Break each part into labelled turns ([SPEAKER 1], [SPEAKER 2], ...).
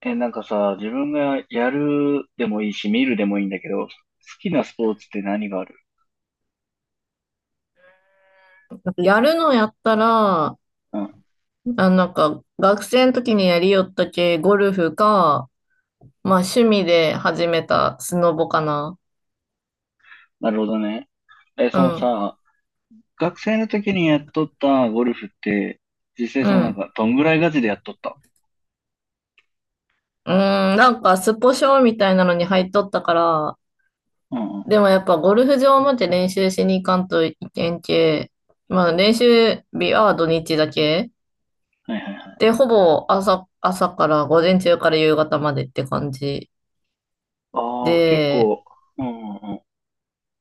[SPEAKER 1] なんかさ、自分がやるでもいいし、見るでもいいんだけど、好きなスポーツって何がある？
[SPEAKER 2] なんかやるのやったら、あ、
[SPEAKER 1] うん。
[SPEAKER 2] なんか学生の時にやりよったけ、ゴルフか、まあ趣味で始めたスノボかな。
[SPEAKER 1] なるほどね。
[SPEAKER 2] う
[SPEAKER 1] その
[SPEAKER 2] ん、
[SPEAKER 1] さ、学生の時にやっとったゴルフって、実際
[SPEAKER 2] う
[SPEAKER 1] そのなん
[SPEAKER 2] ん。
[SPEAKER 1] か、どんぐらいガチでやっとった？
[SPEAKER 2] なんかスポ少みたいなのに入っとったから、
[SPEAKER 1] うんうん。は
[SPEAKER 2] でもやっぱゴルフ場まで練習しに行かんといけんけ、まあ練習日は土日だけ。
[SPEAKER 1] いはいはい。
[SPEAKER 2] で、ほぼ朝から午前中から夕方までって感じ。
[SPEAKER 1] ああ、結
[SPEAKER 2] で、
[SPEAKER 1] 構、うんうんうん。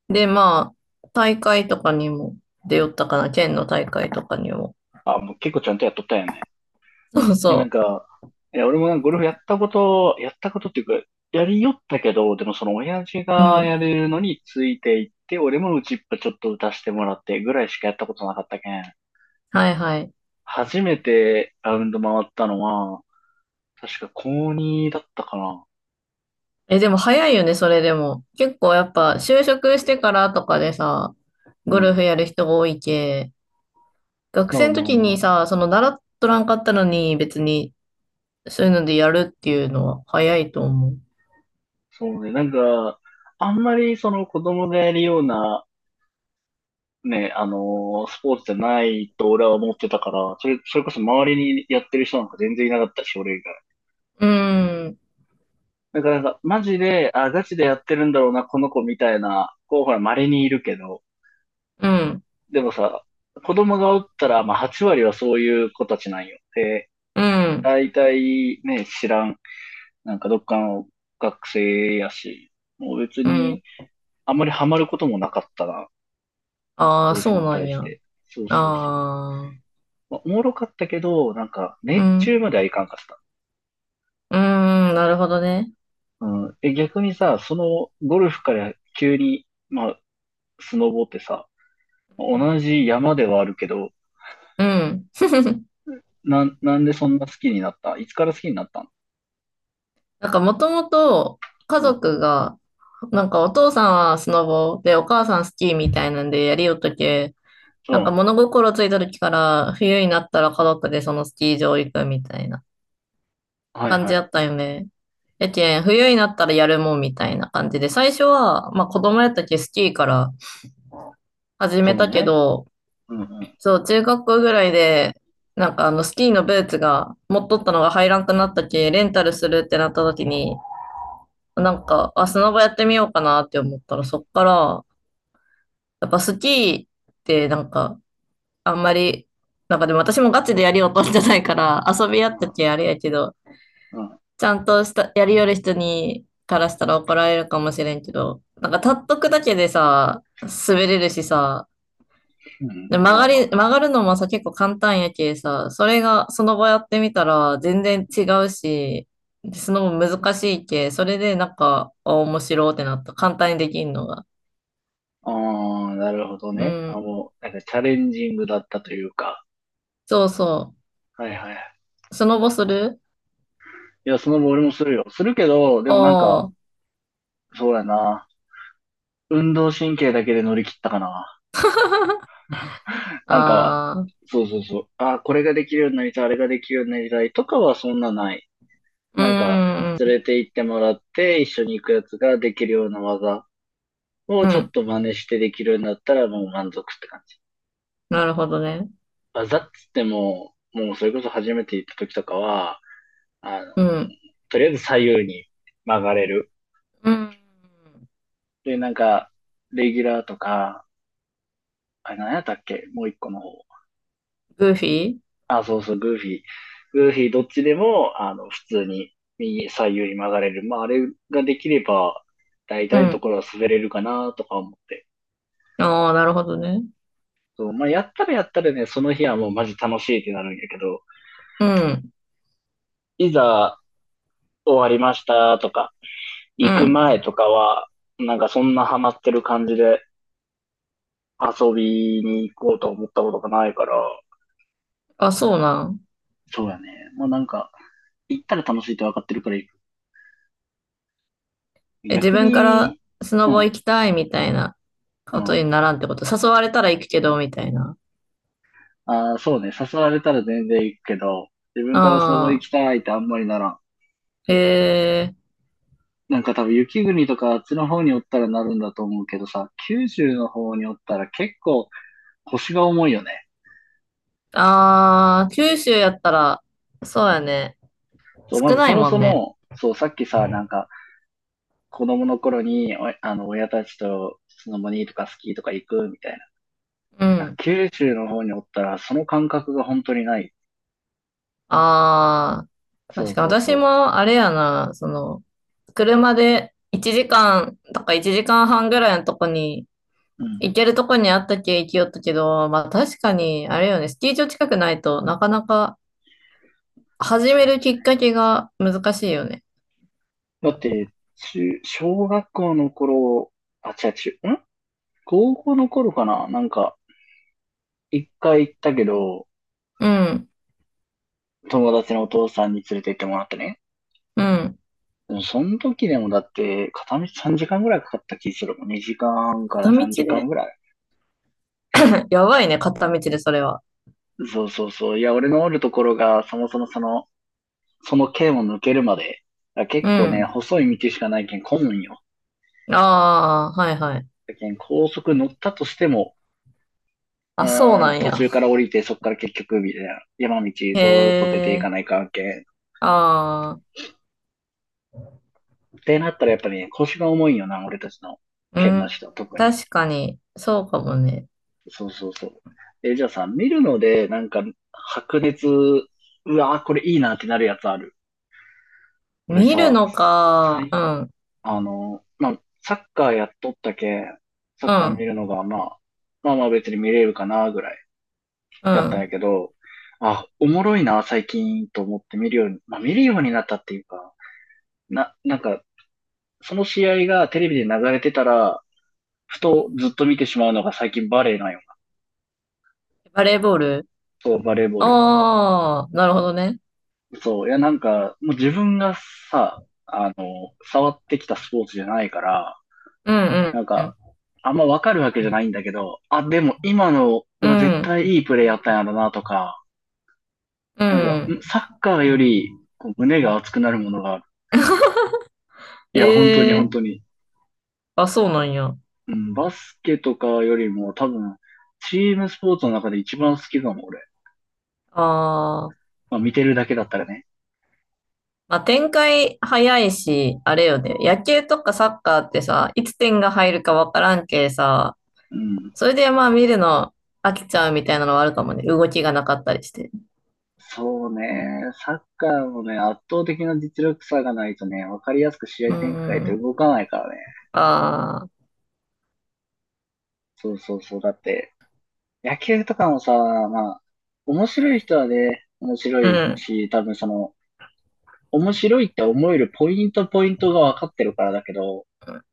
[SPEAKER 2] で、まあ、大会とかにも出よったかな、県の大会とかにも。
[SPEAKER 1] あ、もう結構ちゃんとやっとったよね。
[SPEAKER 2] そう
[SPEAKER 1] なん
[SPEAKER 2] そ
[SPEAKER 1] か、いや、俺もなんかゴルフやったことっていうか、やりよったけど、でもその親父
[SPEAKER 2] う。う
[SPEAKER 1] が
[SPEAKER 2] ん。
[SPEAKER 1] やれるのについていって、俺も打ちっぱちょっと打たせてもらってぐらいしかやったことなかったけん。
[SPEAKER 2] はいはい。
[SPEAKER 1] 初めてラウンド回ったのは、確か高2だったかな。
[SPEAKER 2] え、でも早いよね、それでも。結構やっぱ、就職してからとかでさ、
[SPEAKER 1] う
[SPEAKER 2] ゴル
[SPEAKER 1] ん。
[SPEAKER 2] フやる人が多いけ、学
[SPEAKER 1] ま
[SPEAKER 2] 生
[SPEAKER 1] あ
[SPEAKER 2] の
[SPEAKER 1] まあ
[SPEAKER 2] 時
[SPEAKER 1] ま
[SPEAKER 2] に
[SPEAKER 1] あ。
[SPEAKER 2] さ、その習っとらんかったのに、別に、そういうのでやるっていうのは早いと思う。
[SPEAKER 1] そうね。なんか、あんまりその子供がやるような、ね、スポーツじゃないと俺は思ってたから、それこそ周りにやってる人なんか全然いなかったし、俺以外。
[SPEAKER 2] うん、
[SPEAKER 1] だからなんか、マジで、あ、ガチでやってるんだろうな、この子みたいな、こう、ほら、稀にいるけど、
[SPEAKER 2] うん、
[SPEAKER 1] でもさ、子供がおったら、まあ、8割はそういう子たちなんよ。で、
[SPEAKER 2] うん、
[SPEAKER 1] 大体ね、知らん、なんかどっかの学生やし、もう別
[SPEAKER 2] うん。
[SPEAKER 1] に、あんまりハマることもなかったな、
[SPEAKER 2] あ
[SPEAKER 1] ゴ
[SPEAKER 2] あ、
[SPEAKER 1] ルフ
[SPEAKER 2] そう
[SPEAKER 1] に
[SPEAKER 2] なん
[SPEAKER 1] 対し
[SPEAKER 2] や。あ
[SPEAKER 1] て。そうそうそう。
[SPEAKER 2] あ、
[SPEAKER 1] まあ、おもろかったけど、なんか、
[SPEAKER 2] う
[SPEAKER 1] 熱中
[SPEAKER 2] ん、
[SPEAKER 1] まではいかんかった。
[SPEAKER 2] なるほどね。
[SPEAKER 1] うん。逆にさ、その、ゴルフから急に、まあ、スノボってさ、同じ山ではあるけど、
[SPEAKER 2] うん。
[SPEAKER 1] なんでそんな好きになった？いつから好きになったの？
[SPEAKER 2] なんかもともと家
[SPEAKER 1] うん。
[SPEAKER 2] 族が、なんかお父さんはスノボでお母さんスキーみたいなんでやりよったけ、
[SPEAKER 1] う
[SPEAKER 2] なんか
[SPEAKER 1] ん。
[SPEAKER 2] 物心ついた時から冬になったら家族でそのスキー場行くみたいな
[SPEAKER 1] はい
[SPEAKER 2] 感じ
[SPEAKER 1] は
[SPEAKER 2] や
[SPEAKER 1] い。
[SPEAKER 2] ったよね。やけん、冬になったらやるもんみたいな感じで、最初は、まあ子供やったけスキーから始
[SPEAKER 1] そ
[SPEAKER 2] め
[SPEAKER 1] う
[SPEAKER 2] たけ
[SPEAKER 1] ね。
[SPEAKER 2] ど、
[SPEAKER 1] うんうん。
[SPEAKER 2] そう、中学校ぐらいで、なんかあのスキーのブーツが持っとったのが入らんくなったけ、レンタルするってなった時に、なんか、あ、砂場やってみようかなって思ったら、そっから、やっぱスキーってなんか、あんまり、なんかでも私もガチでやりようとじゃないから、遊びや
[SPEAKER 1] う
[SPEAKER 2] った
[SPEAKER 1] ん。
[SPEAKER 2] けあれやけど、
[SPEAKER 1] うん。
[SPEAKER 2] ちゃんとした、やりよる人に、からしたら怒られるかもしれんけど、なんか立っとくだけでさ、滑れるしさ、
[SPEAKER 1] うん。
[SPEAKER 2] で曲
[SPEAKER 1] まあ
[SPEAKER 2] が
[SPEAKER 1] まあ
[SPEAKER 2] り、
[SPEAKER 1] ま
[SPEAKER 2] 曲
[SPEAKER 1] あ。
[SPEAKER 2] がるのもさ、結構簡単やけさ、それが、その場やってみたら、全然違うし、その分難しいけ、それでなんか、あ面白ってなった。簡単にできんのが。
[SPEAKER 1] ああ、なるほど
[SPEAKER 2] う
[SPEAKER 1] ね。あ、
[SPEAKER 2] ん。
[SPEAKER 1] もう、なんかチャレンジングだったというか。
[SPEAKER 2] そうそ
[SPEAKER 1] はいはい。
[SPEAKER 2] う。スノボする
[SPEAKER 1] いや、その後俺もするよ。するけど、でもなん
[SPEAKER 2] お
[SPEAKER 1] か、
[SPEAKER 2] ー。
[SPEAKER 1] そうやな。運動神経だけで乗り切ったかな。なんか、
[SPEAKER 2] あー。
[SPEAKER 1] そうそうそう。あ、これができるようになりたい、あれができるようになりたいとかはそんなない。
[SPEAKER 2] う
[SPEAKER 1] なんか、連
[SPEAKER 2] ん。
[SPEAKER 1] れて行ってもらって、一緒に行くやつができるような技を
[SPEAKER 2] う
[SPEAKER 1] ちょっ
[SPEAKER 2] ん。
[SPEAKER 1] と真似してできるようになったらもう満足って感じ。
[SPEAKER 2] なるほどね。
[SPEAKER 1] 技っつっても、もうそれこそ初めて行った時とかは、あの、
[SPEAKER 2] うん。
[SPEAKER 1] とりあえず左右に曲がれる。
[SPEAKER 2] うん。
[SPEAKER 1] で、なんか、レギュラーとか、あれ何やったっけ？もう一個の方。
[SPEAKER 2] グーフィー
[SPEAKER 1] あ、そうそう、グーフィー。グーフィーどっちでも、普通に左右に曲がれる。まあ、あれができれば、大
[SPEAKER 2] う
[SPEAKER 1] 体のと
[SPEAKER 2] ん。
[SPEAKER 1] ころは滑れるかなとか思って。
[SPEAKER 2] ああなるほどね。
[SPEAKER 1] そう、まあ、やったらやったらね、その日はもうマジ楽しいってなるんやけど、
[SPEAKER 2] うん。
[SPEAKER 1] いざ終わりましたとか、
[SPEAKER 2] う
[SPEAKER 1] 行く
[SPEAKER 2] ん。
[SPEAKER 1] 前とかは、なんかそんなハマってる感じで遊びに行こうと思ったことがないから、
[SPEAKER 2] あ、そうなん。
[SPEAKER 1] そうやね。もうなんか、行ったら楽しいって分かってるから行く。
[SPEAKER 2] え、自
[SPEAKER 1] 逆
[SPEAKER 2] 分から
[SPEAKER 1] に、
[SPEAKER 2] スノ
[SPEAKER 1] う
[SPEAKER 2] ボ
[SPEAKER 1] ん、
[SPEAKER 2] 行きたいみたいな
[SPEAKER 1] う
[SPEAKER 2] こと
[SPEAKER 1] ん。
[SPEAKER 2] にならんってこと。誘われたら行くけど、みたいな。
[SPEAKER 1] ああ、そうね。誘われたら全然行くけど、自分からスノボ
[SPEAKER 2] あ
[SPEAKER 1] 行き
[SPEAKER 2] あ、
[SPEAKER 1] たいってあんまりならん。
[SPEAKER 2] へえ。
[SPEAKER 1] なんか多分雪国とかあっちの方におったらなるんだと思うけどさ、九州の方におったら結構腰が重いよね。
[SPEAKER 2] ああ、九州やったら、そうやね。
[SPEAKER 1] そう、ま
[SPEAKER 2] 少
[SPEAKER 1] ず
[SPEAKER 2] な
[SPEAKER 1] そ
[SPEAKER 2] い
[SPEAKER 1] も
[SPEAKER 2] も
[SPEAKER 1] そ
[SPEAKER 2] んね。
[SPEAKER 1] も、そう、さっきさ、なんか、子供の頃に、おあの、親たちとスノボにとかスキーとか行くみたい
[SPEAKER 2] う
[SPEAKER 1] な。
[SPEAKER 2] ん。
[SPEAKER 1] 九州の方におったら、その感覚が本当にない。
[SPEAKER 2] ああ、
[SPEAKER 1] そ
[SPEAKER 2] 確
[SPEAKER 1] う
[SPEAKER 2] か
[SPEAKER 1] そう
[SPEAKER 2] 私
[SPEAKER 1] そ
[SPEAKER 2] もあれやな、その、車で1時間とか1時間半ぐらいのとこに、
[SPEAKER 1] う。うん。
[SPEAKER 2] 行けるとこにあったけ行きよったけど、まあ確かに、あれよね、スキー場近くないとなかなか始
[SPEAKER 1] そ
[SPEAKER 2] め
[SPEAKER 1] う
[SPEAKER 2] る
[SPEAKER 1] だ
[SPEAKER 2] きっ
[SPEAKER 1] ね。
[SPEAKER 2] かけが難しいよね。
[SPEAKER 1] だって、小学校の頃、あ、違う、高校の頃かななんか、一回行ったけど、
[SPEAKER 2] うん、
[SPEAKER 1] 友達のお父さんに連れて行ってもらってね。
[SPEAKER 2] うん。
[SPEAKER 1] でもその時でもだって、片道3時間ぐらいかかった気するもん。2時間から
[SPEAKER 2] 片道
[SPEAKER 1] 3時間
[SPEAKER 2] で
[SPEAKER 1] ぐらい。
[SPEAKER 2] やばいね、片道でそれは。
[SPEAKER 1] そうそうそう。いや、俺のおるところが、そもそもその県を抜けるまで、あ
[SPEAKER 2] う
[SPEAKER 1] 結構ね、
[SPEAKER 2] ん。
[SPEAKER 1] 細い道しかないけん混むんよ。
[SPEAKER 2] ああ、はいはい。
[SPEAKER 1] だけん高速乗ったとしても、
[SPEAKER 2] あ、そうなん
[SPEAKER 1] 途
[SPEAKER 2] や。
[SPEAKER 1] 中から降りて、そっから結局、みたいな、山道ず
[SPEAKER 2] へ
[SPEAKER 1] ーっと出てい
[SPEAKER 2] え、
[SPEAKER 1] かない関係。
[SPEAKER 2] ああ、
[SPEAKER 1] ってなったらやっぱりね、腰が重いんよな、俺たちの
[SPEAKER 2] う
[SPEAKER 1] 県の
[SPEAKER 2] ん、
[SPEAKER 1] 人、特に。
[SPEAKER 2] 確かに、そうかもね。
[SPEAKER 1] そうそうそう。じゃあさ、見るので、なんか、白熱、うわー、これいいなってなるやつある？俺
[SPEAKER 2] 見る
[SPEAKER 1] さ、
[SPEAKER 2] のか。うん。
[SPEAKER 1] まあ、サッカーやっとったけ、サ
[SPEAKER 2] う
[SPEAKER 1] ッカー見
[SPEAKER 2] ん。
[SPEAKER 1] るのが、まあ、まあまあ別に見れるかな、ぐらい
[SPEAKER 2] う
[SPEAKER 1] やったんや
[SPEAKER 2] ん。
[SPEAKER 1] けど、あ、おもろいな、最近、と思って見るように、まあ見るようになったっていうか、なんか、その試合がテレビで流れてたら、ふとずっと見てしまうのが最近バレーなんよな。
[SPEAKER 2] バレーボール
[SPEAKER 1] そう、バレーボール。
[SPEAKER 2] ああなるほどね。
[SPEAKER 1] そう、いやなんか、もう自分がさ、触ってきたスポーツじゃないから、
[SPEAKER 2] うん
[SPEAKER 1] なん
[SPEAKER 2] う
[SPEAKER 1] か、
[SPEAKER 2] ん。
[SPEAKER 1] あんまわかるわけじゃないんだけど、あ、でも今の
[SPEAKER 2] う
[SPEAKER 1] は絶
[SPEAKER 2] ん。
[SPEAKER 1] 対いいプレーやったんやろなとか、
[SPEAKER 2] う
[SPEAKER 1] なんか、
[SPEAKER 2] ん。
[SPEAKER 1] サッカーよりこう胸が熱くなるものがある。いや、本当に
[SPEAKER 2] え
[SPEAKER 1] 本
[SPEAKER 2] え
[SPEAKER 1] 当に。
[SPEAKER 2] あ、そうなんや。あ
[SPEAKER 1] うん、バスケとかよりも多分、チームスポーツの中で一番好きかも、俺。
[SPEAKER 2] あ。
[SPEAKER 1] まあ見てるだけだったらね。
[SPEAKER 2] まあ、展開早いし、あれよね。野球とかサッカーってさ、いつ点が入るかわからんけさ、
[SPEAKER 1] うん。
[SPEAKER 2] それでまあ見るの飽きちゃうみたいなのはあるかもね。動きがなかったりして。
[SPEAKER 1] そうね。サッカーもね、圧倒的な実力差がないとね、わかりやすく試合
[SPEAKER 2] うー
[SPEAKER 1] 展開って動か
[SPEAKER 2] ん。
[SPEAKER 1] ないからね。
[SPEAKER 2] ああ。
[SPEAKER 1] そうそうそう。だって、野球とかもさ、まあ、面白い人はね、面白
[SPEAKER 2] う
[SPEAKER 1] い
[SPEAKER 2] ん。
[SPEAKER 1] し、多分その、面白いって思えるポイントポイントが分かってるからだけど、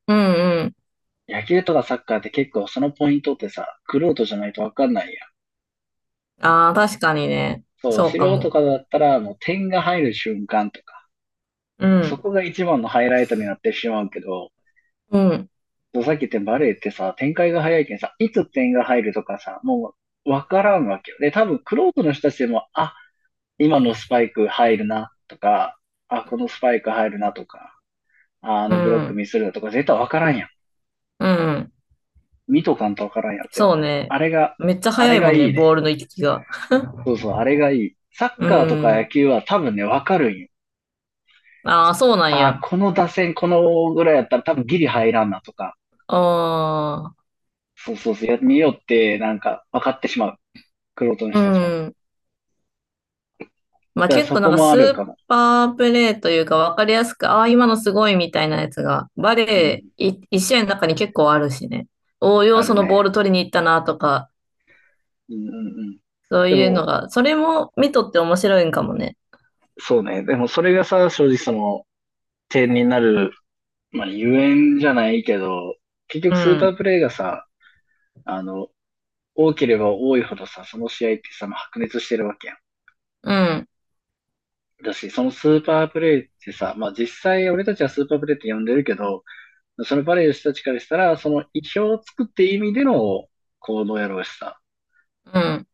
[SPEAKER 2] うんうん。
[SPEAKER 1] 野球とかサッカーって結構そのポイントってさ、玄人じゃないと分かんないやん。
[SPEAKER 2] ああ、確かにね。
[SPEAKER 1] そう、
[SPEAKER 2] そ
[SPEAKER 1] 素
[SPEAKER 2] うか
[SPEAKER 1] 人と
[SPEAKER 2] も。
[SPEAKER 1] かだったらもう点が入る瞬間とか、
[SPEAKER 2] う
[SPEAKER 1] そ
[SPEAKER 2] ん、
[SPEAKER 1] こが一番のハイライトになってしまうけど、
[SPEAKER 2] うん、
[SPEAKER 1] そうさっき言ったバレーってさ、展開が早いけんさ、いつ点が入るとかさ、もう分からんわけよ。で、多分玄人の人たちでも、あ、今のスパイク入るなとか、あ、このスパイク入るなとか、ああ
[SPEAKER 2] う
[SPEAKER 1] のブロック
[SPEAKER 2] ん、
[SPEAKER 1] ミスるなとか、絶対わからんやん。
[SPEAKER 2] うん。
[SPEAKER 1] 見とかんとわからんやん、絶対。
[SPEAKER 2] そうね。
[SPEAKER 1] あれが、
[SPEAKER 2] めっちゃ
[SPEAKER 1] あ
[SPEAKER 2] 速
[SPEAKER 1] れ
[SPEAKER 2] い
[SPEAKER 1] が
[SPEAKER 2] もん
[SPEAKER 1] い
[SPEAKER 2] ね、
[SPEAKER 1] いね。
[SPEAKER 2] ボールの行き来が。
[SPEAKER 1] そうそう、あれがいい。サッ
[SPEAKER 2] う
[SPEAKER 1] カーとか
[SPEAKER 2] ん。
[SPEAKER 1] 野球は多分ね、わかるんよ。
[SPEAKER 2] ああ、そうなんや。
[SPEAKER 1] あこの打線、このぐらいやったら多分ギリ入らんなとか、
[SPEAKER 2] ああ、
[SPEAKER 1] そうそうそう、や見よってなんか分かってしまう。玄人の
[SPEAKER 2] う
[SPEAKER 1] 人たちは。だ
[SPEAKER 2] ん。まあ
[SPEAKER 1] から
[SPEAKER 2] 結
[SPEAKER 1] そ
[SPEAKER 2] 構なん
[SPEAKER 1] こ
[SPEAKER 2] か
[SPEAKER 1] もあ
[SPEAKER 2] ス
[SPEAKER 1] る
[SPEAKER 2] ー
[SPEAKER 1] かも。
[SPEAKER 2] パープレーというか分かりやすく、ああ、今のすごいみたいなやつが、バ
[SPEAKER 1] うん、
[SPEAKER 2] レーい一試合の中に結構あるしね。応用
[SPEAKER 1] あ
[SPEAKER 2] そ
[SPEAKER 1] る
[SPEAKER 2] のボー
[SPEAKER 1] ね。
[SPEAKER 2] ル取りに行ったなとか、
[SPEAKER 1] うんうんうん。
[SPEAKER 2] そう
[SPEAKER 1] で
[SPEAKER 2] いうの
[SPEAKER 1] も、
[SPEAKER 2] が、それも見とって面白いんかもね。
[SPEAKER 1] そうね。でもそれがさ、正直その、点になるまあ、ゆえんじゃないけど、結
[SPEAKER 2] う
[SPEAKER 1] 局スーパー
[SPEAKER 2] ん、
[SPEAKER 1] プレイがさ、あの、多ければ多いほどさ、その試合ってさ、まあ白熱してるわけやん。
[SPEAKER 2] うん、
[SPEAKER 1] だし、そのスーパープレイってさ、まあ実際俺たちはスーパープレイって呼んでるけど、そのバレーの人たちからしたら、その意表をつくって意味での行動やろうしさ、
[SPEAKER 2] うん。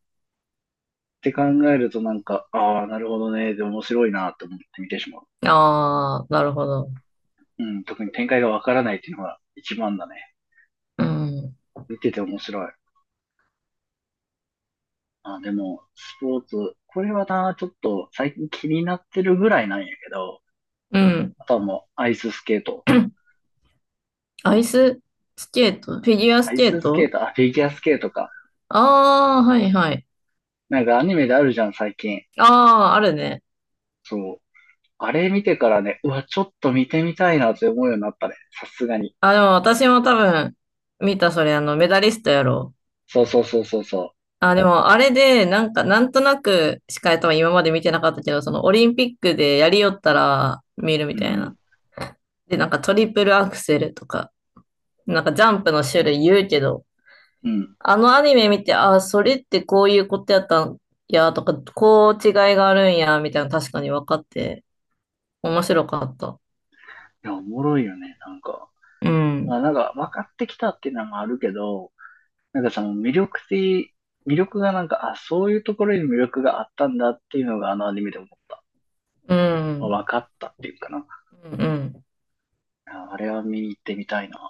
[SPEAKER 1] って考えるとなんか、ああ、なるほどね、で面白いなと思って見てしまう。
[SPEAKER 2] ああ、なるほど。
[SPEAKER 1] うん、特に展開がわからないっていうのが一番だね。
[SPEAKER 2] うん。
[SPEAKER 1] 見てて面白い。あ、でも、スポーツ、これはな、ちょっと最近気になってるぐらいなんやけど、
[SPEAKER 2] うん。
[SPEAKER 1] あとはもうアイススケート。
[SPEAKER 2] アイススケートフィギュア
[SPEAKER 1] ア
[SPEAKER 2] ス
[SPEAKER 1] イ
[SPEAKER 2] ケー
[SPEAKER 1] ススケー
[SPEAKER 2] ト
[SPEAKER 1] ト、あ、フィギュアスケートか。
[SPEAKER 2] ああー、はいはい。
[SPEAKER 1] なんかアニメであるじゃん、最近。
[SPEAKER 2] ああ、あるね。
[SPEAKER 1] そう。あれ見てからね、うわ、ちょっと見てみたいなって思うようになったね。さすがに。
[SPEAKER 2] あ、でも私も多分、見た、それ、あの、メダリストやろう。
[SPEAKER 1] そうそうそうそうそ
[SPEAKER 2] あ、でも、あれで、なんか、なんとなくしか多分今まで見てなかったけど、その、オリンピックでやりよったら見るみ
[SPEAKER 1] う。う
[SPEAKER 2] たい
[SPEAKER 1] ん
[SPEAKER 2] な。で、なんか、トリプルアクセルとか、なんか、ジャンプの種類言うけど、
[SPEAKER 1] うん。うん。
[SPEAKER 2] あのアニメ見て、あ、それってこういうことやったんや、とか、こう違いがあるんや、みたいな、確かに分かって、面白かった。
[SPEAKER 1] いや、おもろいよね、なんか。
[SPEAKER 2] う
[SPEAKER 1] ま
[SPEAKER 2] ん。
[SPEAKER 1] あなんか分かってきたっていうのもあるけど、なんかその魅力がなんか、あ、そういうところに魅力があったんだっていうのがあのアニメで思った。
[SPEAKER 2] うん。
[SPEAKER 1] 分かったっていうかな。
[SPEAKER 2] うんうん。
[SPEAKER 1] ああれは見に行ってみたいな。